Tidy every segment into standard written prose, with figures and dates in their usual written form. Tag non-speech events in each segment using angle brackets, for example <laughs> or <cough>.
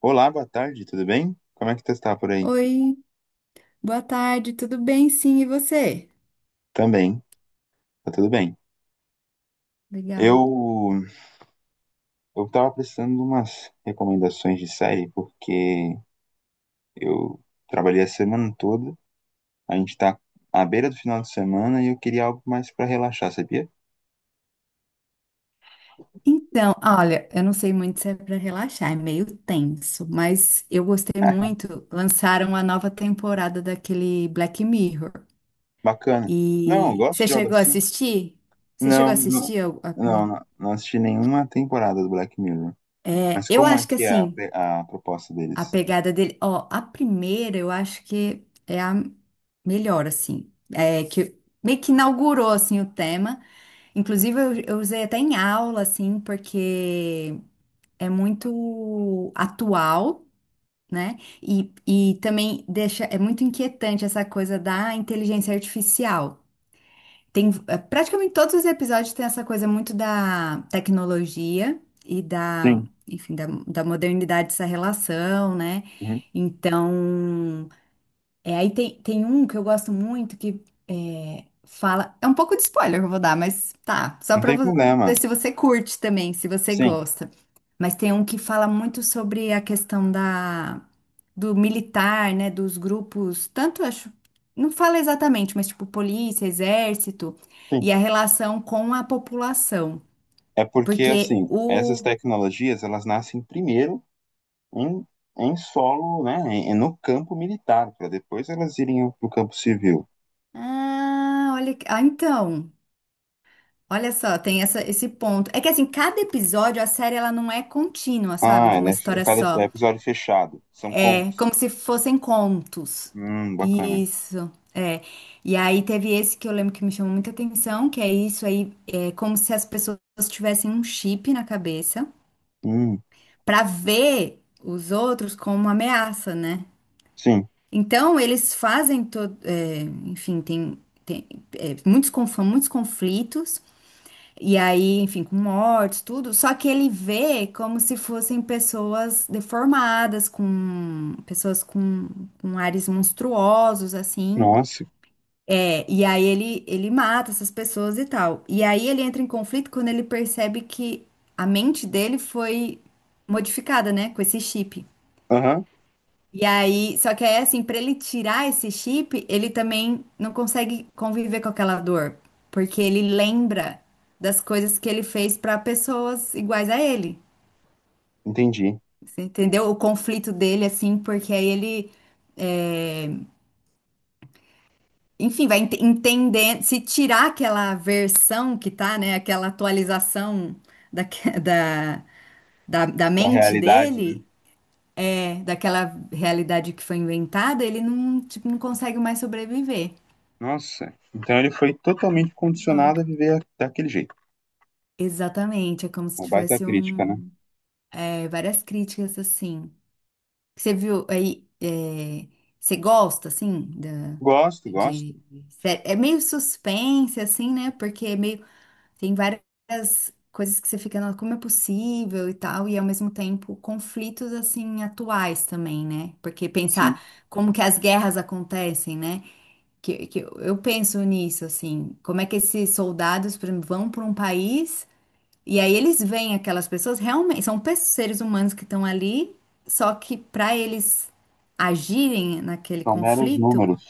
Olá, boa tarde, tudo bem? Como é que tu está por aí? Oi, boa tarde, tudo bem? Sim, e você? Também, tá tudo bem. Legal. Eu eu tava precisando de umas recomendações de série porque eu trabalhei a semana toda, a gente tá à beira do final de semana e eu queria algo mais pra relaxar, sabia? Olha, eu não sei muito se é para relaxar, é meio tenso, mas eu gostei muito. Lançaram a nova temporada daquele Black Mirror. Bacana. Não, eu E gosto você de algo chegou a assim. assistir? Você chegou Não, a não, assistir a primeira? não, não assisti nenhuma temporada do Black Mirror. Mas Eu como é acho que que é assim, a proposta deles? a pegada dele, ó, a primeira eu acho que é a melhor, assim, é que meio que inaugurou assim o tema. Inclusive, eu usei até em aula, assim, porque é muito atual, né? E, também deixa, é muito inquietante essa coisa da inteligência artificial. Tem, praticamente todos os episódios tem essa coisa muito da tecnologia Sim. enfim, da modernidade, essa relação, né? Uhum. Então, é, aí tem um que eu gosto muito que é, fala. É um pouco de spoiler que eu vou dar, mas tá. Não tem Ver problema. se você curte também, se você Sim. gosta. Mas tem um que fala muito sobre do militar, né? Dos grupos, tanto acho. Não fala exatamente, mas tipo polícia, exército, e a relação com a população. É porque, Porque assim, o. essas tecnologias, elas nascem primeiro em, em solo, né, no campo militar, para depois elas irem para o campo civil. Ah, olha. Ah, então. Olha só, esse ponto. É que assim, cada episódio, a série, ela não é contínua, sabe? Ah, De é, uma né, história cada só. episódio fechado, são É contos. como se fossem contos. Bacana. Isso, é. E aí teve esse que eu lembro que me chamou muita atenção, que é isso aí, é como se as pessoas tivessem um chip na cabeça Hum, pra ver os outros como uma ameaça, né? sim. Então, eles fazem todo, é, enfim, tem é, muitos conflitos. E aí, enfim, com mortes, tudo. Só que ele vê como se fossem pessoas deformadas, com ares monstruosos, assim. Nossa. É, e aí ele mata essas pessoas e tal. E aí ele entra em conflito quando ele percebe que a mente dele foi modificada, né, com esse chip. Aham, E aí, só que aí, assim, pra ele tirar esse chip, ele também não consegue conviver com aquela dor, porque ele lembra das coisas que ele fez pra pessoas iguais a ele. entendi. Você entendeu? O conflito dele, assim, porque aí ele, é, enfim, entender, se tirar aquela versão que tá, né, aquela atualização da, <laughs> da, da Da mente realidade, né? dele. É, daquela realidade que foi inventada, ele não, tipo, não consegue mais sobreviver. Nossa. Então ele foi totalmente condicionado Louco. a viver daquele jeito. Exatamente, é como se Uma baita tivesse crítica, né? É, várias críticas assim. Você viu aí, é, você gosta Gosto, gosto. de, é meio suspense assim, né? Porque é meio tem várias coisas que você fica, "Não, como é possível e tal, e ao mesmo tempo conflitos assim atuais também, né? Porque Sim, pensar como que as guerras acontecem, né? Que eu penso nisso assim, como é que esses soldados, por exemplo, vão para um país. E aí eles veem aquelas pessoas realmente, são seres humanos que estão ali, só que para eles agirem naquele são meros conflito, números.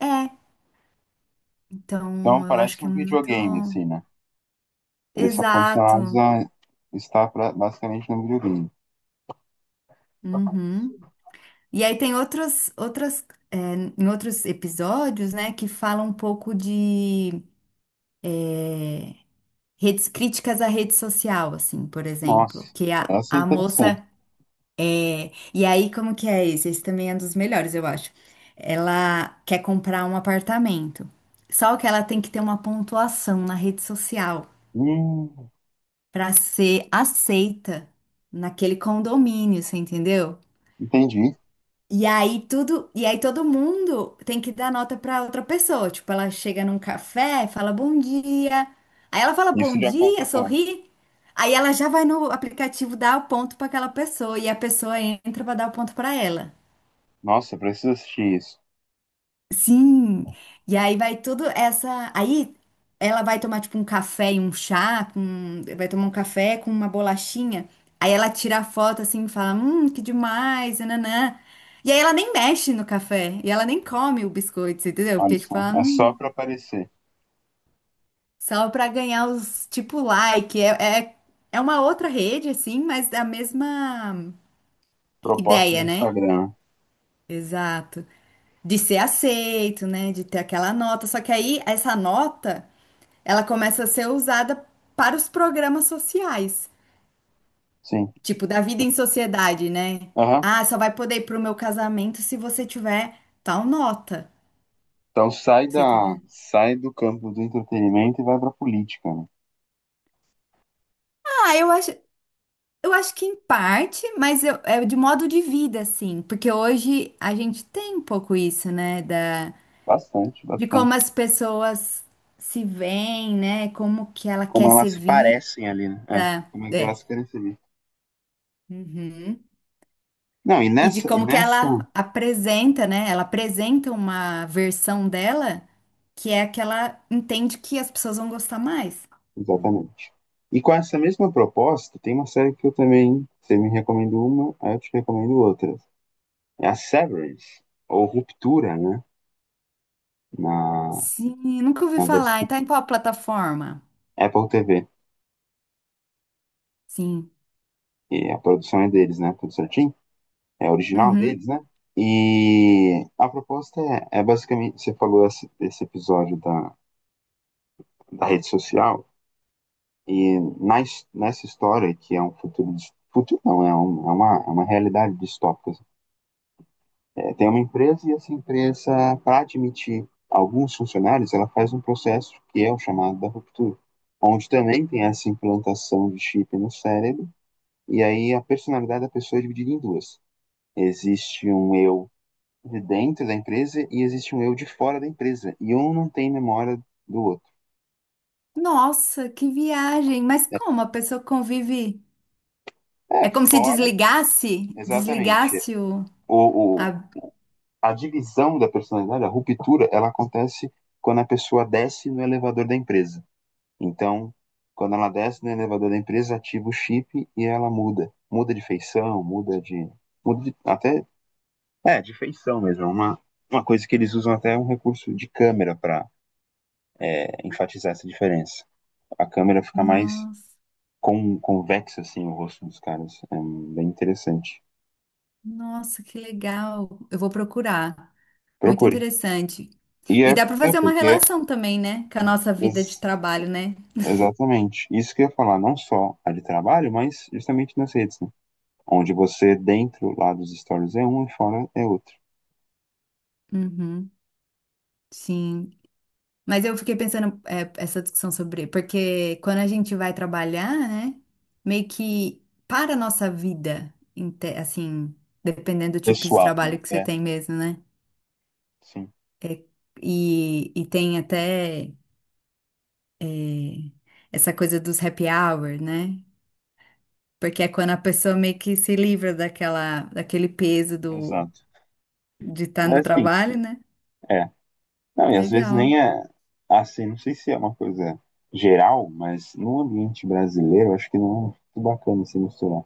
é. Então Então eu acho parece que é um muito videogame, assim, né? Eles são condicionados exato. a estar basicamente no videogame. Uhum. E aí tem outros outras, é, em outros episódios, né, que falam um pouco de redes críticas à rede social, assim, por Nossa, exemplo, que essa é a interessante. moça. E aí, como que é esse? Esse também é um dos melhores, eu acho. Ela quer comprar um apartamento. Só que ela tem que ter uma pontuação na rede social Hum, para ser aceita naquele condomínio, você entendeu? entendi. E aí todo mundo tem que dar nota para outra pessoa. Tipo, ela chega num café, fala bom dia. Aí ela fala Isso bom já dia, conta ponto. sorri. Aí ela já vai no aplicativo dar o ponto para aquela pessoa e a pessoa entra para dar o ponto para ela. Nossa, eu preciso assistir isso. Sim, e aí vai tudo essa. Aí ela vai tomar tipo um café e um chá, com... vai tomar um café com uma bolachinha. Aí ela tira a foto assim e fala: que demais, nanã. E aí ela nem mexe no café, e ela nem come o biscoito, você entendeu? Olha Porque tipo, só, é só para aparecer. só pra ganhar os tipo like. É uma outra rede assim, mas da mesma Proposta do ideia, né? Instagram. Exato. De ser aceito, né? De ter aquela nota. Só que aí essa nota. Ela começa a ser usada para os programas sociais, Sim. tipo da vida em sociedade, né? Aham. Ah, só vai poder ir pro meu casamento se você tiver tal nota. Então sai Você da, entendeu? sai do campo do entretenimento e vai para política, né? Ah, eu acho, eu acho que em parte, é de modo de vida, assim, porque hoje a gente tem um pouco isso, né, da, Bastante, de como bastante. as pessoas se veem, né, como que ela Como quer ser elas vista. parecem ali, né? É, como é que É. elas querem ser vistas. Uhum. Não, E de e como que nessa ela apresenta, né? Ela apresenta uma versão dela que é a que ela entende que as pessoas vão gostar mais, né? Exatamente. E com essa mesma proposta, tem uma série que eu também, você me recomendou uma, aí eu te recomendo outra. É a Severance, ou Ruptura, né? Na, Sim, nunca ouvi na falar. E versão tá em qual plataforma? Apple TV. Sim. E a produção é deles, né? Tudo certinho? É original Uhum. deles, né? E a proposta é basicamente, você falou esse episódio da, da rede social, e na, nessa história, que é um futuro não, é uma realidade distópica. É, tem uma empresa e essa empresa, para admitir alguns funcionários, ela faz um processo que é o chamado da ruptura, onde também tem essa implantação de chip no cérebro, e aí a personalidade da pessoa é dividida em duas. Existe um eu de dentro da empresa e existe um eu de fora da empresa, e um não tem memória do outro. Nossa, que viagem! Mas Né? como a pessoa convive? É, É como se fora, desligasse, exatamente. desligasse o. O, o- a- a divisão da personalidade, a ruptura, ela acontece quando a pessoa desce no elevador da empresa. Então, quando ela desce no elevador da empresa, ativa o chip e ela muda. Muda de feição, muda de. Muda de até. É, de feição mesmo. Uma coisa que eles usam até um recurso de câmera para enfatizar essa diferença. A câmera fica mais Nossa, com convexa, assim, o rosto dos caras. É bem interessante. nossa, que legal. Eu vou procurar. Muito Procure. interessante. E é, E dá para é fazer uma porque é. relação também, né? Com a nossa vida de ex- trabalho, né? Exatamente. Isso que eu ia falar, não só a de trabalho, mas justamente nas redes, né? Onde você, dentro lá dos stories é um e fora é outro. Uhum, sim. Mas eu fiquei pensando, é, essa discussão sobre. Porque quando a gente vai trabalhar, né? Meio que para a nossa vida, assim, dependendo do tipo de Pessoal, né? trabalho que você É, tem mesmo, né? sim, É, e tem até é, essa coisa dos happy hour, né? Porque é quando a pessoa meio que se livra daquele peso exato. de estar no Mas assim, trabalho, né? é. Não, e às vezes Legal. nem é assim, não sei se é uma coisa geral, mas no ambiente brasileiro, eu acho que não é muito bacana se misturar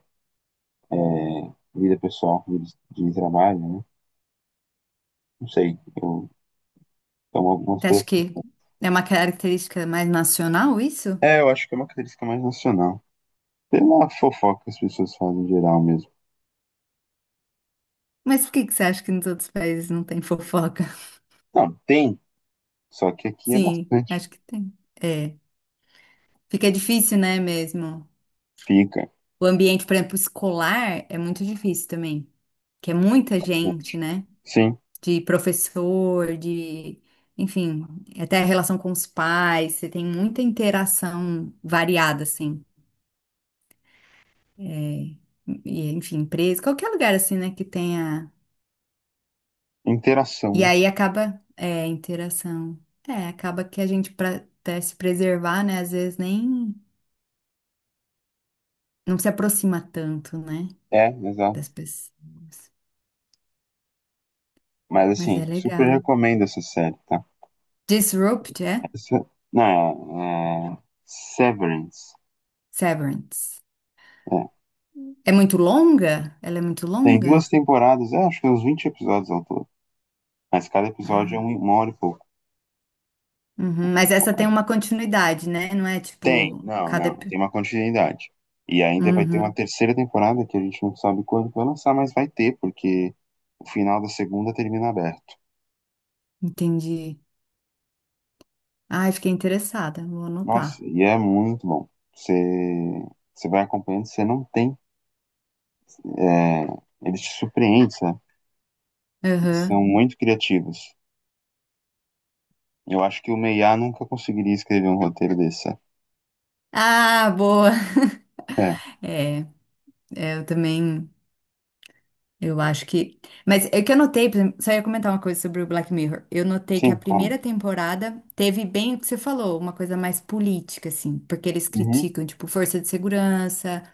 vida pessoal, vida de trabalho, né? Não sei. Então, algumas. Você acha pe- que é uma característica mais nacional isso? É, eu acho que é uma característica mais nacional. Pela fofoca que as pessoas fazem em geral mesmo. Mas por que que você acha que nos outros países não tem fofoca? <laughs> Não, tem, só que aqui é Sim, bastante. acho que tem. É, fica difícil, né, mesmo? Fica, O ambiente, por exemplo, escolar é muito difícil também, que é muita bastante. gente, né? Sim, De professor, de, enfim, até a relação com os pais, você tem muita interação variada, assim. É, e, enfim, empresa, qualquer lugar assim, né, que tenha. interação, E né? aí acaba, é, interação. É, acaba que a gente, pra até se preservar, né, às vezes nem, não se aproxima tanto, né, É, exato. das pessoas. Mas Mas assim, é super legal. recomendo essa série, tá? Disrupt, é? Se- Não, é, é, Severance. Severance. É. É muito longa? Ela é muito Tem longa? duas temporadas, é, acho que uns 20 episódios ao todo. Mas cada episódio é Ah, uma hora e pouco. uhum. Mas essa tem uma continuidade, né? Não é Tem, tipo, não, cada... não. Tem uma continuidade. E ainda vai ter uma Uhum, terceira temporada que a gente não sabe quando vai lançar, mas vai ter, porque o final da segunda termina aberto. entendi. Ai, fiquei interessada, vou anotar. Nossa, e é muito bom. Você, você vai acompanhando, você não tem. É, eles te surpreendem, sabe? Eles são Aham. muito criativos. Eu acho que o Meiá nunca conseguiria escrever um roteiro desse. Ah, boa. É, É, é, eu também. Eu acho que. Mas é que eu notei, por exemplo, só ia comentar uma coisa sobre o Black Mirror. Eu notei que a sim, claro. primeira temporada teve bem o que você falou, uma coisa mais política, assim, porque eles Uhum, criticam, tipo, força de segurança,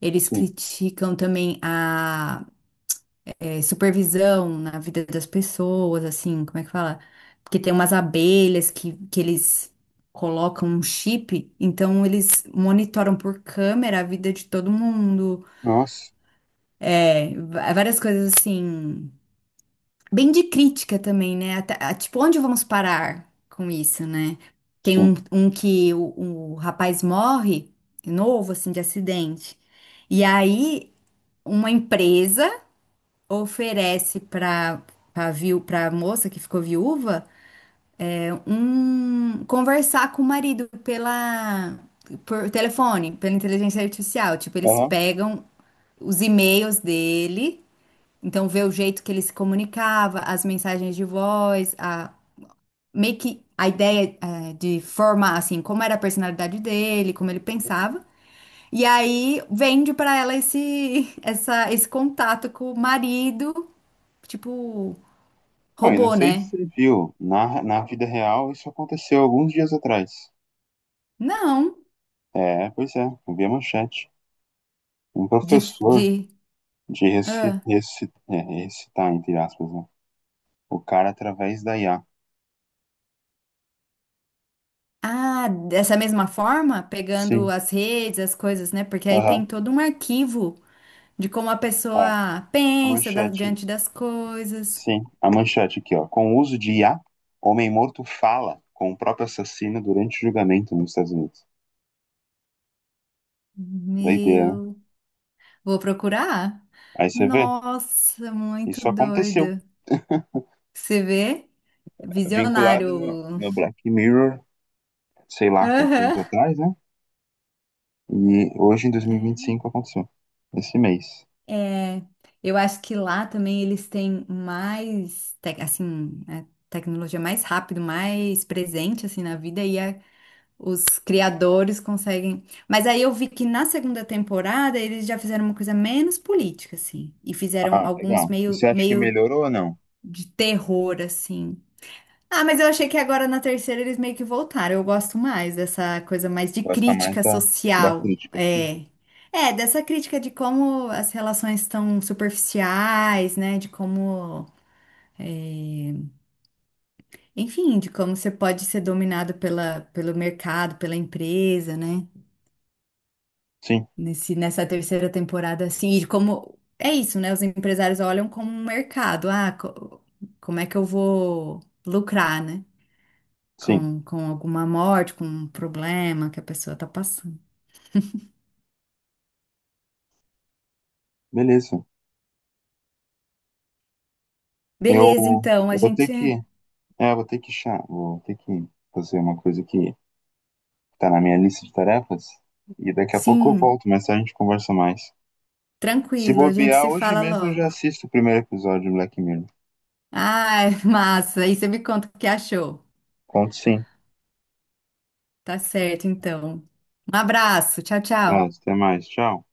eles sim. criticam também a supervisão na vida das pessoas, assim, como é que fala? Porque tem umas abelhas que eles colocam um chip, então eles monitoram por câmera a vida de todo mundo, Nossa, é, várias coisas assim bem de crítica também, né? Até- a- tipo, onde vamos parar com isso, né? Tem sim. Um que o rapaz morre, novo, assim, de acidente. E aí, uma empresa oferece para viu, para moça que ficou viúva, um conversar com o marido pela por telefone, pela inteligência artificial. Tipo, eles Aham. pegam os e-mails dele, então vê o jeito que ele se comunicava, as mensagens de voz, a, meio que a ideia de formar, assim, como era a personalidade dele, como ele pensava. E aí vende pra ela <laughs> esse contato com o marido, tipo, Bom, e não robô, sei se né? você viu, na vida real isso aconteceu alguns dias atrás. Não, É, pois é, eu vi a manchete. Um de, professor de, de ah, ressuscitar, entre aspas, né? O cara através da IA. ah, dessa mesma forma, pegando Sim, as redes, as coisas, né? Porque aí aham. tem todo um arquivo de como a Ó, pessoa a pensa manchete, diante das coisas. sim, a manchete aqui, ó. Com o uso de IA, homem morto fala com o próprio assassino durante o julgamento nos Estados Unidos. Doideira, né? Meu. Vou procurar? Aí você vê, Nossa, muito isso aconteceu. doido. Você vê? Vinculada no, Visionário. no Black Mirror, sei lá quantos anos Aham. atrás, né? E hoje, em 2025, aconteceu. Esse mês. É, é. Eu acho que lá também eles têm mais, assim, a tecnologia mais rápido, mais presente, assim, na vida, e a- os criadores conseguem... Mas aí eu vi que na segunda temporada eles já fizeram uma coisa menos política, assim, e fizeram Ah, alguns legal. E você acha que meio melhorou ou não? de terror, assim. Ah, mas eu achei que agora na terceira eles meio que voltaram. Eu gosto mais dessa coisa mais de Gosta mais crítica da, da social. crítica. Sim. É. É, dessa crítica de como as relações estão superficiais, né? De como, enfim, de como você pode ser dominado pelo mercado, pela empresa, né? Sim, Nessa terceira temporada, assim, e de como. É isso, né? Os empresários olham como um mercado. Ah, como é que eu vou lucrar, né? sim. Com alguma morte, com um problema que a pessoa está passando. Beleza. Eu Beleza, então, a vou ter gente. que. É, vou ter que chá. Vou ter que fazer uma coisa que tá na minha lista de tarefas. E daqui a pouco eu Sim, volto, mas a gente conversa mais. Se tranquilo, a gente bobear, se hoje fala mesmo eu já logo. assisto o primeiro episódio do Black Mirror. Ai, <laughs> massa, aí você me conta o que achou. Conto sim. Tá certo, então. Um abraço, tchau, Tá, tchau. até mais. Tchau.